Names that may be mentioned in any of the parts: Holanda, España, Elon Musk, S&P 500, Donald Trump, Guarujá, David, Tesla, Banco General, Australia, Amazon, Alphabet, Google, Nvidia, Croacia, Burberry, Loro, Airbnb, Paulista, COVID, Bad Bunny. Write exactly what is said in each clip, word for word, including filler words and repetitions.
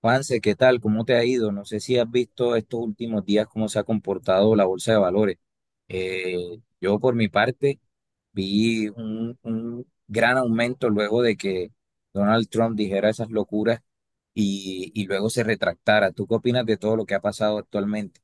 Juanse, ¿qué tal? ¿Cómo te ha ido? No sé si has visto estos últimos días cómo se ha comportado la bolsa de valores. Eh, yo por mi parte vi un, un gran aumento luego de que Donald Trump dijera esas locuras y, y luego se retractara. ¿Tú qué opinas de todo lo que ha pasado actualmente?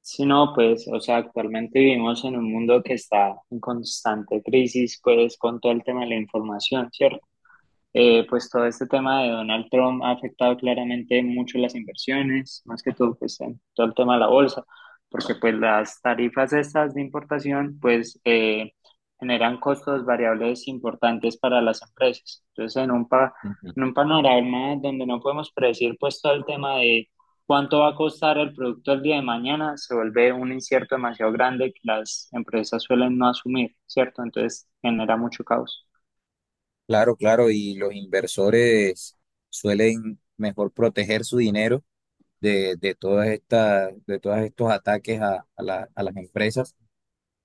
Sí, no, pues, o sea, actualmente vivimos en un mundo que está en constante crisis, pues, con todo el tema de la información, ¿cierto? Eh, pues todo este tema de Donald Trump ha afectado claramente mucho las inversiones, más que todo pues en todo el tema de la bolsa, porque pues las tarifas estas de importación pues eh, generan costos variables importantes para las empresas. Entonces en un, pa- Ujú. en un panorama donde no podemos predecir pues todo el tema de cuánto va a costar el producto el día de mañana, se vuelve un incierto demasiado grande que las empresas suelen no asumir, ¿cierto? Entonces genera mucho caos. Claro, claro, y los inversores suelen mejor proteger su dinero de, de todas estas, de todos estos ataques a, a la- a las empresas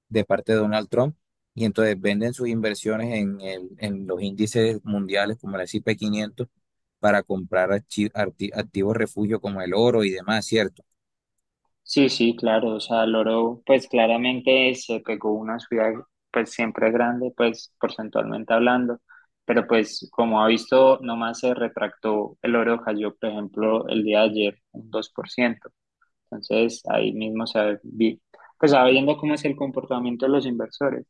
de parte de Donald Trump, y entonces venden sus inversiones en, el- en los índices mundiales como el S and P quinientos para comprar archi- arti- activos refugio como el oro y demás, ¿cierto? Sí, sí, claro, o sea, loro, pues claramente se pegó una ciudad, pues siempre grande, pues porcentualmente hablando, pero pues como ha visto, nomás se retractó, el oro cayó, por ejemplo, el día de ayer un dos por ciento, entonces ahí mismo se vi, pues sabiendo cómo es el comportamiento de los inversores.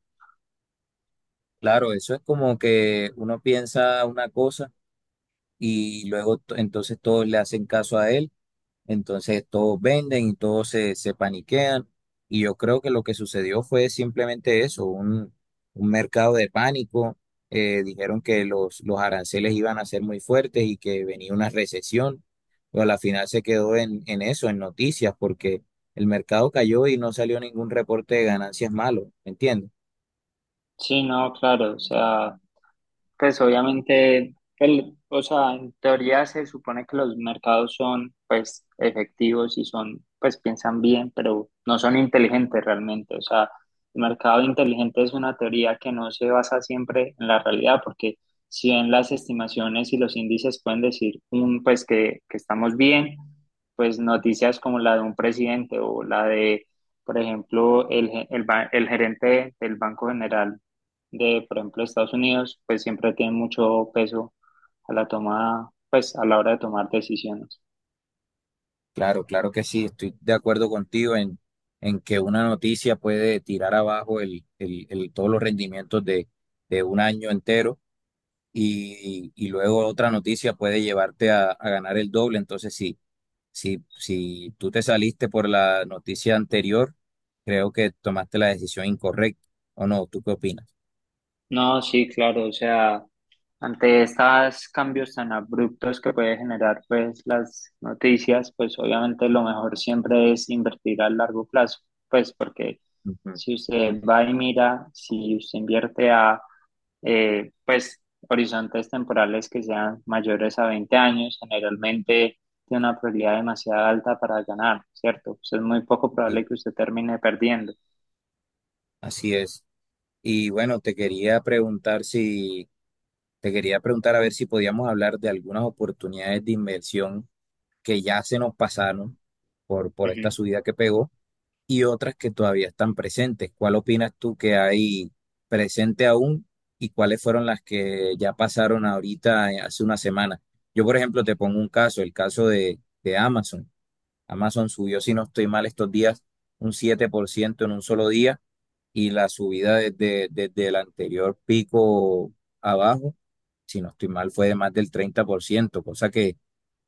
Claro, eso es como que uno piensa una cosa y luego to- entonces todos le hacen caso a él. Entonces todos venden y todos se, se paniquean. Y yo creo que lo que sucedió fue simplemente eso, un, un mercado de pánico. Eh, dijeron que los, los aranceles iban a ser muy fuertes y que venía una recesión. Pero a la final se quedó en, en eso, en noticias, porque el mercado cayó y no salió ningún reporte de ganancias malo, ¿me entiendes? Sí, no, claro, o sea, pues obviamente, el- o sea, en teoría se supone que los mercados son pues efectivos y son, pues piensan bien, pero no son inteligentes realmente. O sea, el mercado inteligente es una teoría que no se basa siempre en la realidad, porque si bien las estimaciones y los índices pueden decir un, pues que, que estamos bien, pues noticias como la de un presidente o la de, por ejemplo, el, ge- el, ba- el gerente del Banco General de, por ejemplo, Estados Unidos, pues siempre tiene mucho peso a la toma, pues a la hora de tomar decisiones. Claro, claro que sí, estoy de acuerdo contigo en, en que una noticia puede tirar abajo el, el, el- todos los rendimientos de, de un año entero. y, y luego otra noticia puede llevarte a, a ganar el doble. Entonces, sí, si, si tú te saliste por la noticia anterior, creo que tomaste la decisión incorrecta. ¿O no? ¿Tú qué opinas? No, sí, claro, o sea, ante estos cambios tan abruptos que puede generar pues las noticias, pues obviamente lo mejor siempre es invertir a largo plazo, pues porque Ujú. si usted va y mira, si usted invierte a eh, pues horizontes temporales que sean mayores a veinte años, generalmente tiene una probabilidad demasiado alta para ganar, ¿cierto? Pues es muy poco Sí, probable que usted termine perdiendo. así es. Y bueno, te quería preguntar si, te quería preguntar a ver si podíamos hablar de algunas oportunidades de inversión que ya se nos pasaron por, por esta Ujú. subida que pegó, y otras que todavía están presentes. ¿Cuál opinas tú que hay presente aún y cuáles fueron las que ya pasaron ahorita eh, hace una semana? Yo, por ejemplo, te pongo un caso, el caso de, de Amazon. Amazon subió, si no estoy mal, estos días un siete por ciento en un solo día, y la subida desde, desde el anterior pico abajo, si no estoy mal, fue de más del treinta por ciento, cosa que,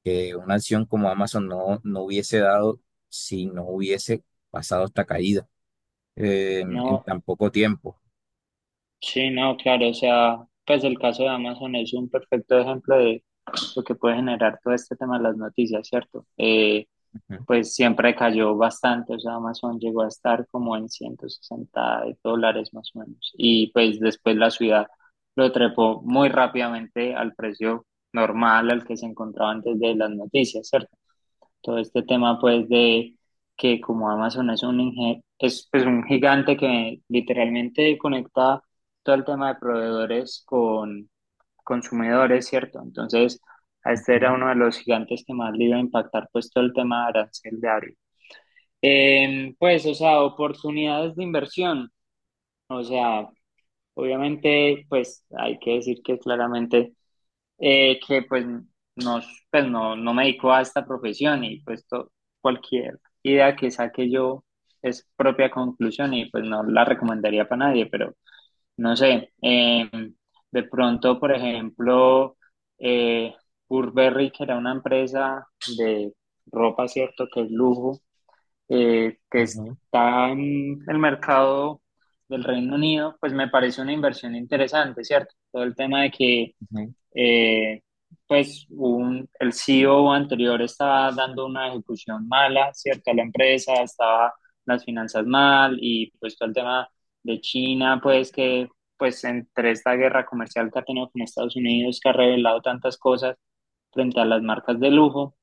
que una acción como Amazon no, no hubiese dado si no hubiese pasado esta caída eh, en, en No, tan poco tiempo. sí, no, claro, o sea, pues el caso de Amazon es un perfecto ejemplo de lo que puede generar todo este tema de las noticias, ¿cierto? Eh, Ujú, Pues siempre cayó bastante, o sea, Amazon llegó a estar como en ciento sesenta dólares más o menos. Y pues después la ciudad lo trepó muy rápidamente al precio normal al que se encontraba antes de las noticias, ¿cierto? Todo este tema pues de que como Amazon es un, inge- es, pues, un gigante que literalmente conecta todo el tema de proveedores con consumidores, ¿cierto? Entonces, a este era uno de los gigantes que más le iba a impactar pues todo el tema de arancel de. Em, pues, o sea, oportunidades de inversión. O sea, obviamente, pues hay que decir que claramente eh, que pues no, pues no, no me dedico a esta profesión y pues to- cualquier idea que saque yo es propia conclusión y pues no la recomendaría para nadie, pero no sé, em, de pronto, por ejemplo, eh, Burberry, que era una empresa de ropa, ¿cierto? Que es lujo eh, que ujú, está en el mercado del Reino Unido, pues me parece una inversión interesante, ¿cierto? Todo el tema de que, ujú. eh, pues, un, el C E O anterior estaba dando una ejecución mala, ¿cierto? A la empresa, estaba las finanzas mal y pues todo el tema de China, pues que, pues, entre esta guerra comercial que ha tenido con Estados Unidos, que ha revelado tantas cosas frente a las marcas de lujo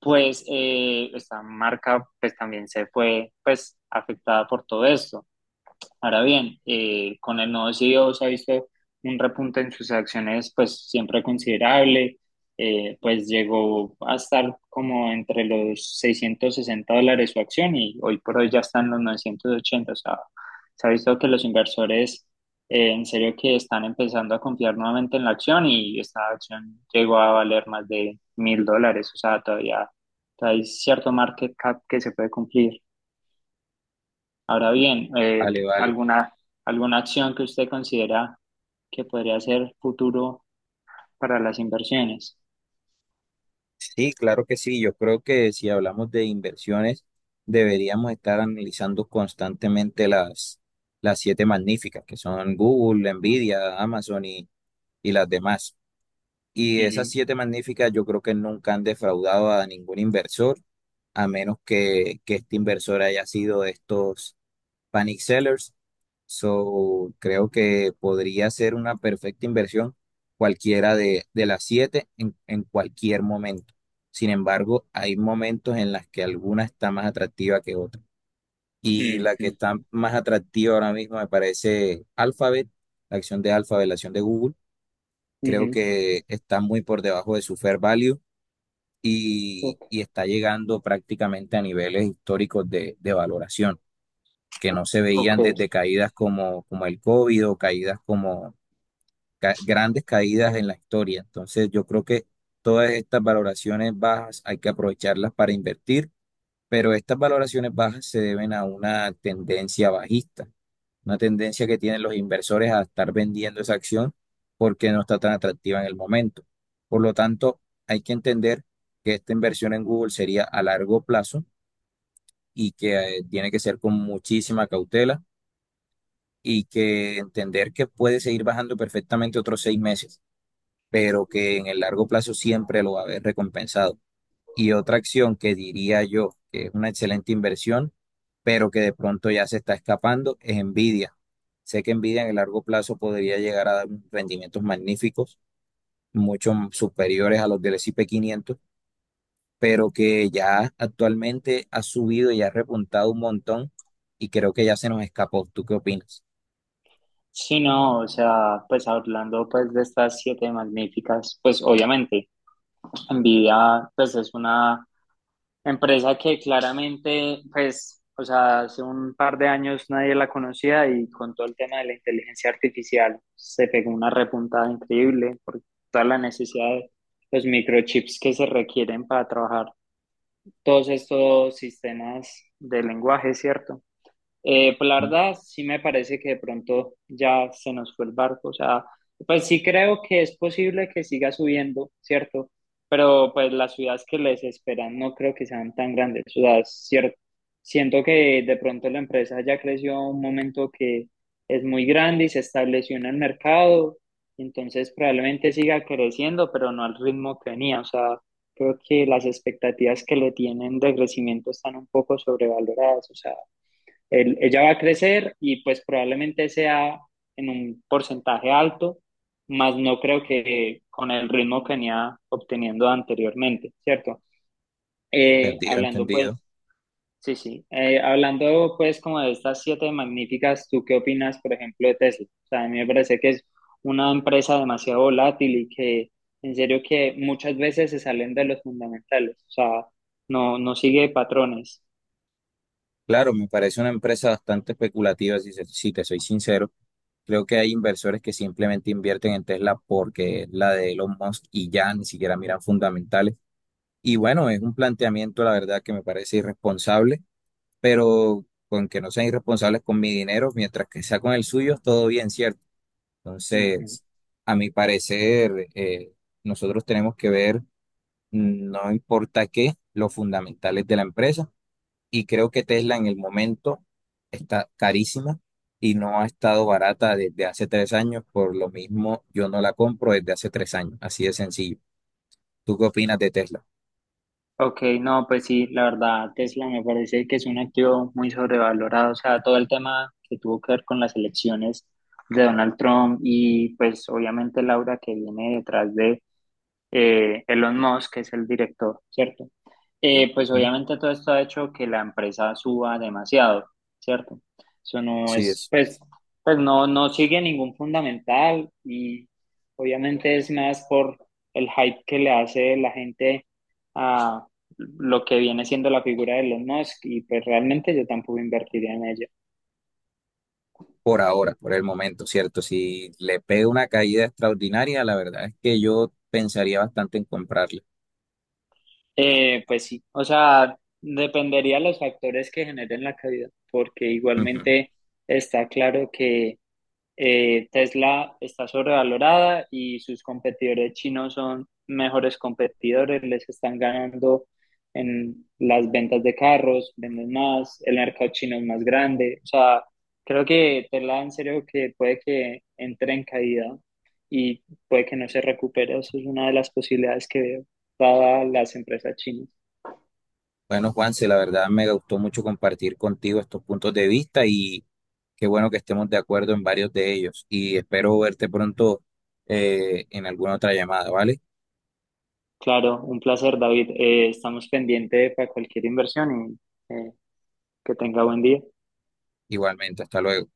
pues eh, esta marca pues también se fue pues afectada por todo esto. Ahora bien, eh, con el nuevo C E O se ha visto un repunte en sus acciones, pues siempre considerable, eh, pues llegó a estar como entre los seiscientos sesenta dólares su acción y hoy por hoy ya están los novecientos ochenta, o sea, se ha visto que los inversores eh, en serio que están empezando a confiar nuevamente en la acción y esta acción llegó a valer más de mil dólares, o sea, todavía, todavía hay cierto market cap que se puede cumplir. Ahora bien, eh, Vale, vale. ¿alguna, alguna acción que usted considera que podría ser futuro para las inversiones? Sí, claro que sí. Yo creo que si hablamos de inversiones, deberíamos estar analizando constantemente las, las siete magníficas, que son Google, Mm, Nvidia, Amazon y, y las demás. Y esas ujú, siete magníficas yo creo que nunca han defraudado a ningún inversor, a menos que, que este inversor haya sido de estos panic sellers. So, creo que podría ser una perfecta inversión cualquiera de, de las siete en, en cualquier momento. Sin embargo, hay momentos en las que alguna está más atractiva que otra. Y la que ujú, está más atractiva ahora mismo me parece Alphabet, la acción de Alphabet, la acción de Google. Creo ujú. que está muy por debajo de su fair value, y, Ok. y está llegando prácticamente a niveles históricos de de valoración que no se Ok, veían desde caídas como, como el COVID, o caídas como ca- grandes caídas en la historia. Entonces, yo creo que todas estas valoraciones bajas hay que aprovecharlas para invertir, pero estas valoraciones bajas se deben a una tendencia bajista, una tendencia que tienen los inversores a estar vendiendo esa acción porque no está tan atractiva en el momento. Por lo tanto, hay que entender que esta inversión en Google sería a largo plazo, y que eh, tiene que ser con muchísima cautela, y que entender que puede seguir bajando perfectamente otros seis meses, pero que en el largo plazo siempre lo va a haber recompensado. Y otra acción que diría yo que es una excelente inversión, pero que de pronto ya se está escapando, es Nvidia. Sé que Nvidia en el largo plazo podría llegar a dar rendimientos magníficos, mucho superiores a los del S and P quinientos, pero que ya actualmente ha subido y ha repuntado un montón, y creo que ya se nos escapó. ¿Tú qué opinas? sí, no, o sea, pues hablando pues de estas siete magníficas, pues obviamente, Nvidia pues es una empresa que claramente, pues, o sea, hace un par de años nadie la conocía y con todo el tema de la inteligencia artificial se pegó una repuntada increíble por toda la necesidad de los microchips que se requieren para trabajar todos estos sistemas de lenguaje, ¿cierto? Eh, pues la verdad, sí me parece que de pronto ya se nos fue el barco. O sea, pues sí creo que es posible que siga subiendo, ¿cierto? Pero pues las ciudades que les esperan no creo que sean tan grandes. O sea, es cierto. Siento que de pronto la empresa ya creció a un momento que es muy grande y se estableció en el mercado. Entonces probablemente siga creciendo, pero no al ritmo que venía. O sea, creo que las expectativas que le tienen de crecimiento están un poco sobrevaloradas. O sea, él- ella va a crecer y pues probablemente sea en un porcentaje alto, más no creo que con el ritmo que venía obteniendo anteriormente, ¿cierto? Eh, Entendido, Hablando pues, entendido. sí, sí. Eh, hablando pues como de estas siete magníficas, ¿tú qué opinas, por ejemplo, de Tesla? O sea, a mí me parece que es una empresa demasiado volátil y que en serio que muchas veces se salen de los fundamentales, o sea, no, no sigue patrones. Claro, me parece una empresa bastante especulativa, si, se- si te soy sincero. Creo que hay inversores que simplemente invierten en Tesla porque es la de Elon Musk y ya ni siquiera miran fundamentales. Y bueno, es un planteamiento, la verdad, que me parece irresponsable, pero con que no sean irresponsables con mi dinero, mientras que sea con el suyo, todo bien, ¿cierto? Ujú. Entonces, a mi parecer, eh, nosotros tenemos que ver, mm, no importa qué, los fundamentales de la empresa. Y creo que Tesla en el momento está carísima y no ha estado barata desde hace tres años. Por lo mismo, yo no la compro desde hace tres años, así de sencillo. ¿Tú qué opinas de Tesla? Ok, no, pues sí, la verdad, Tesla me parece que es un activo muy sobrevalorado, o sea, todo el tema que tuvo que ver con las elecciones de Donald Trump y pues obviamente Laura que viene detrás de eh, Elon Musk, que es el director, ¿cierto? Eh, pues ¿Mm? obviamente todo esto ha hecho que la empresa suba demasiado, ¿cierto? Eso no Sí, es, es pues, pues no, no sigue ningún fundamental y obviamente es más por el hype que le hace la gente a lo que viene siendo la figura de Elon Musk y pues realmente yo tampoco invertiría en ella. por ahora, por el momento, ¿cierto? Si le pega una caída extraordinaria, la verdad es que yo pensaría bastante en comprarla. Eh, pues sí, o sea, dependería de los factores que generen la caída, porque Ujú. igualmente está claro que eh, Tesla está sobrevalorada y sus competidores chinos son mejores competidores, les están ganando en las ventas de carros, venden más, el mercado chino es más grande. O sea, creo que Tesla en serio que puede que entre en caída y puede que no se recupere. Eso es una de las posibilidades que veo para las empresas chinas. Bueno, Juanse, la verdad me gustó mucho compartir contigo estos puntos de vista. Y qué bueno que estemos de acuerdo en varios de ellos, y espero verte pronto eh, en alguna otra llamada, ¿vale? Claro, un placer, David. Eh, estamos pendientes para cualquier inversión y eh, que tenga buen día. Igualmente, hasta luego.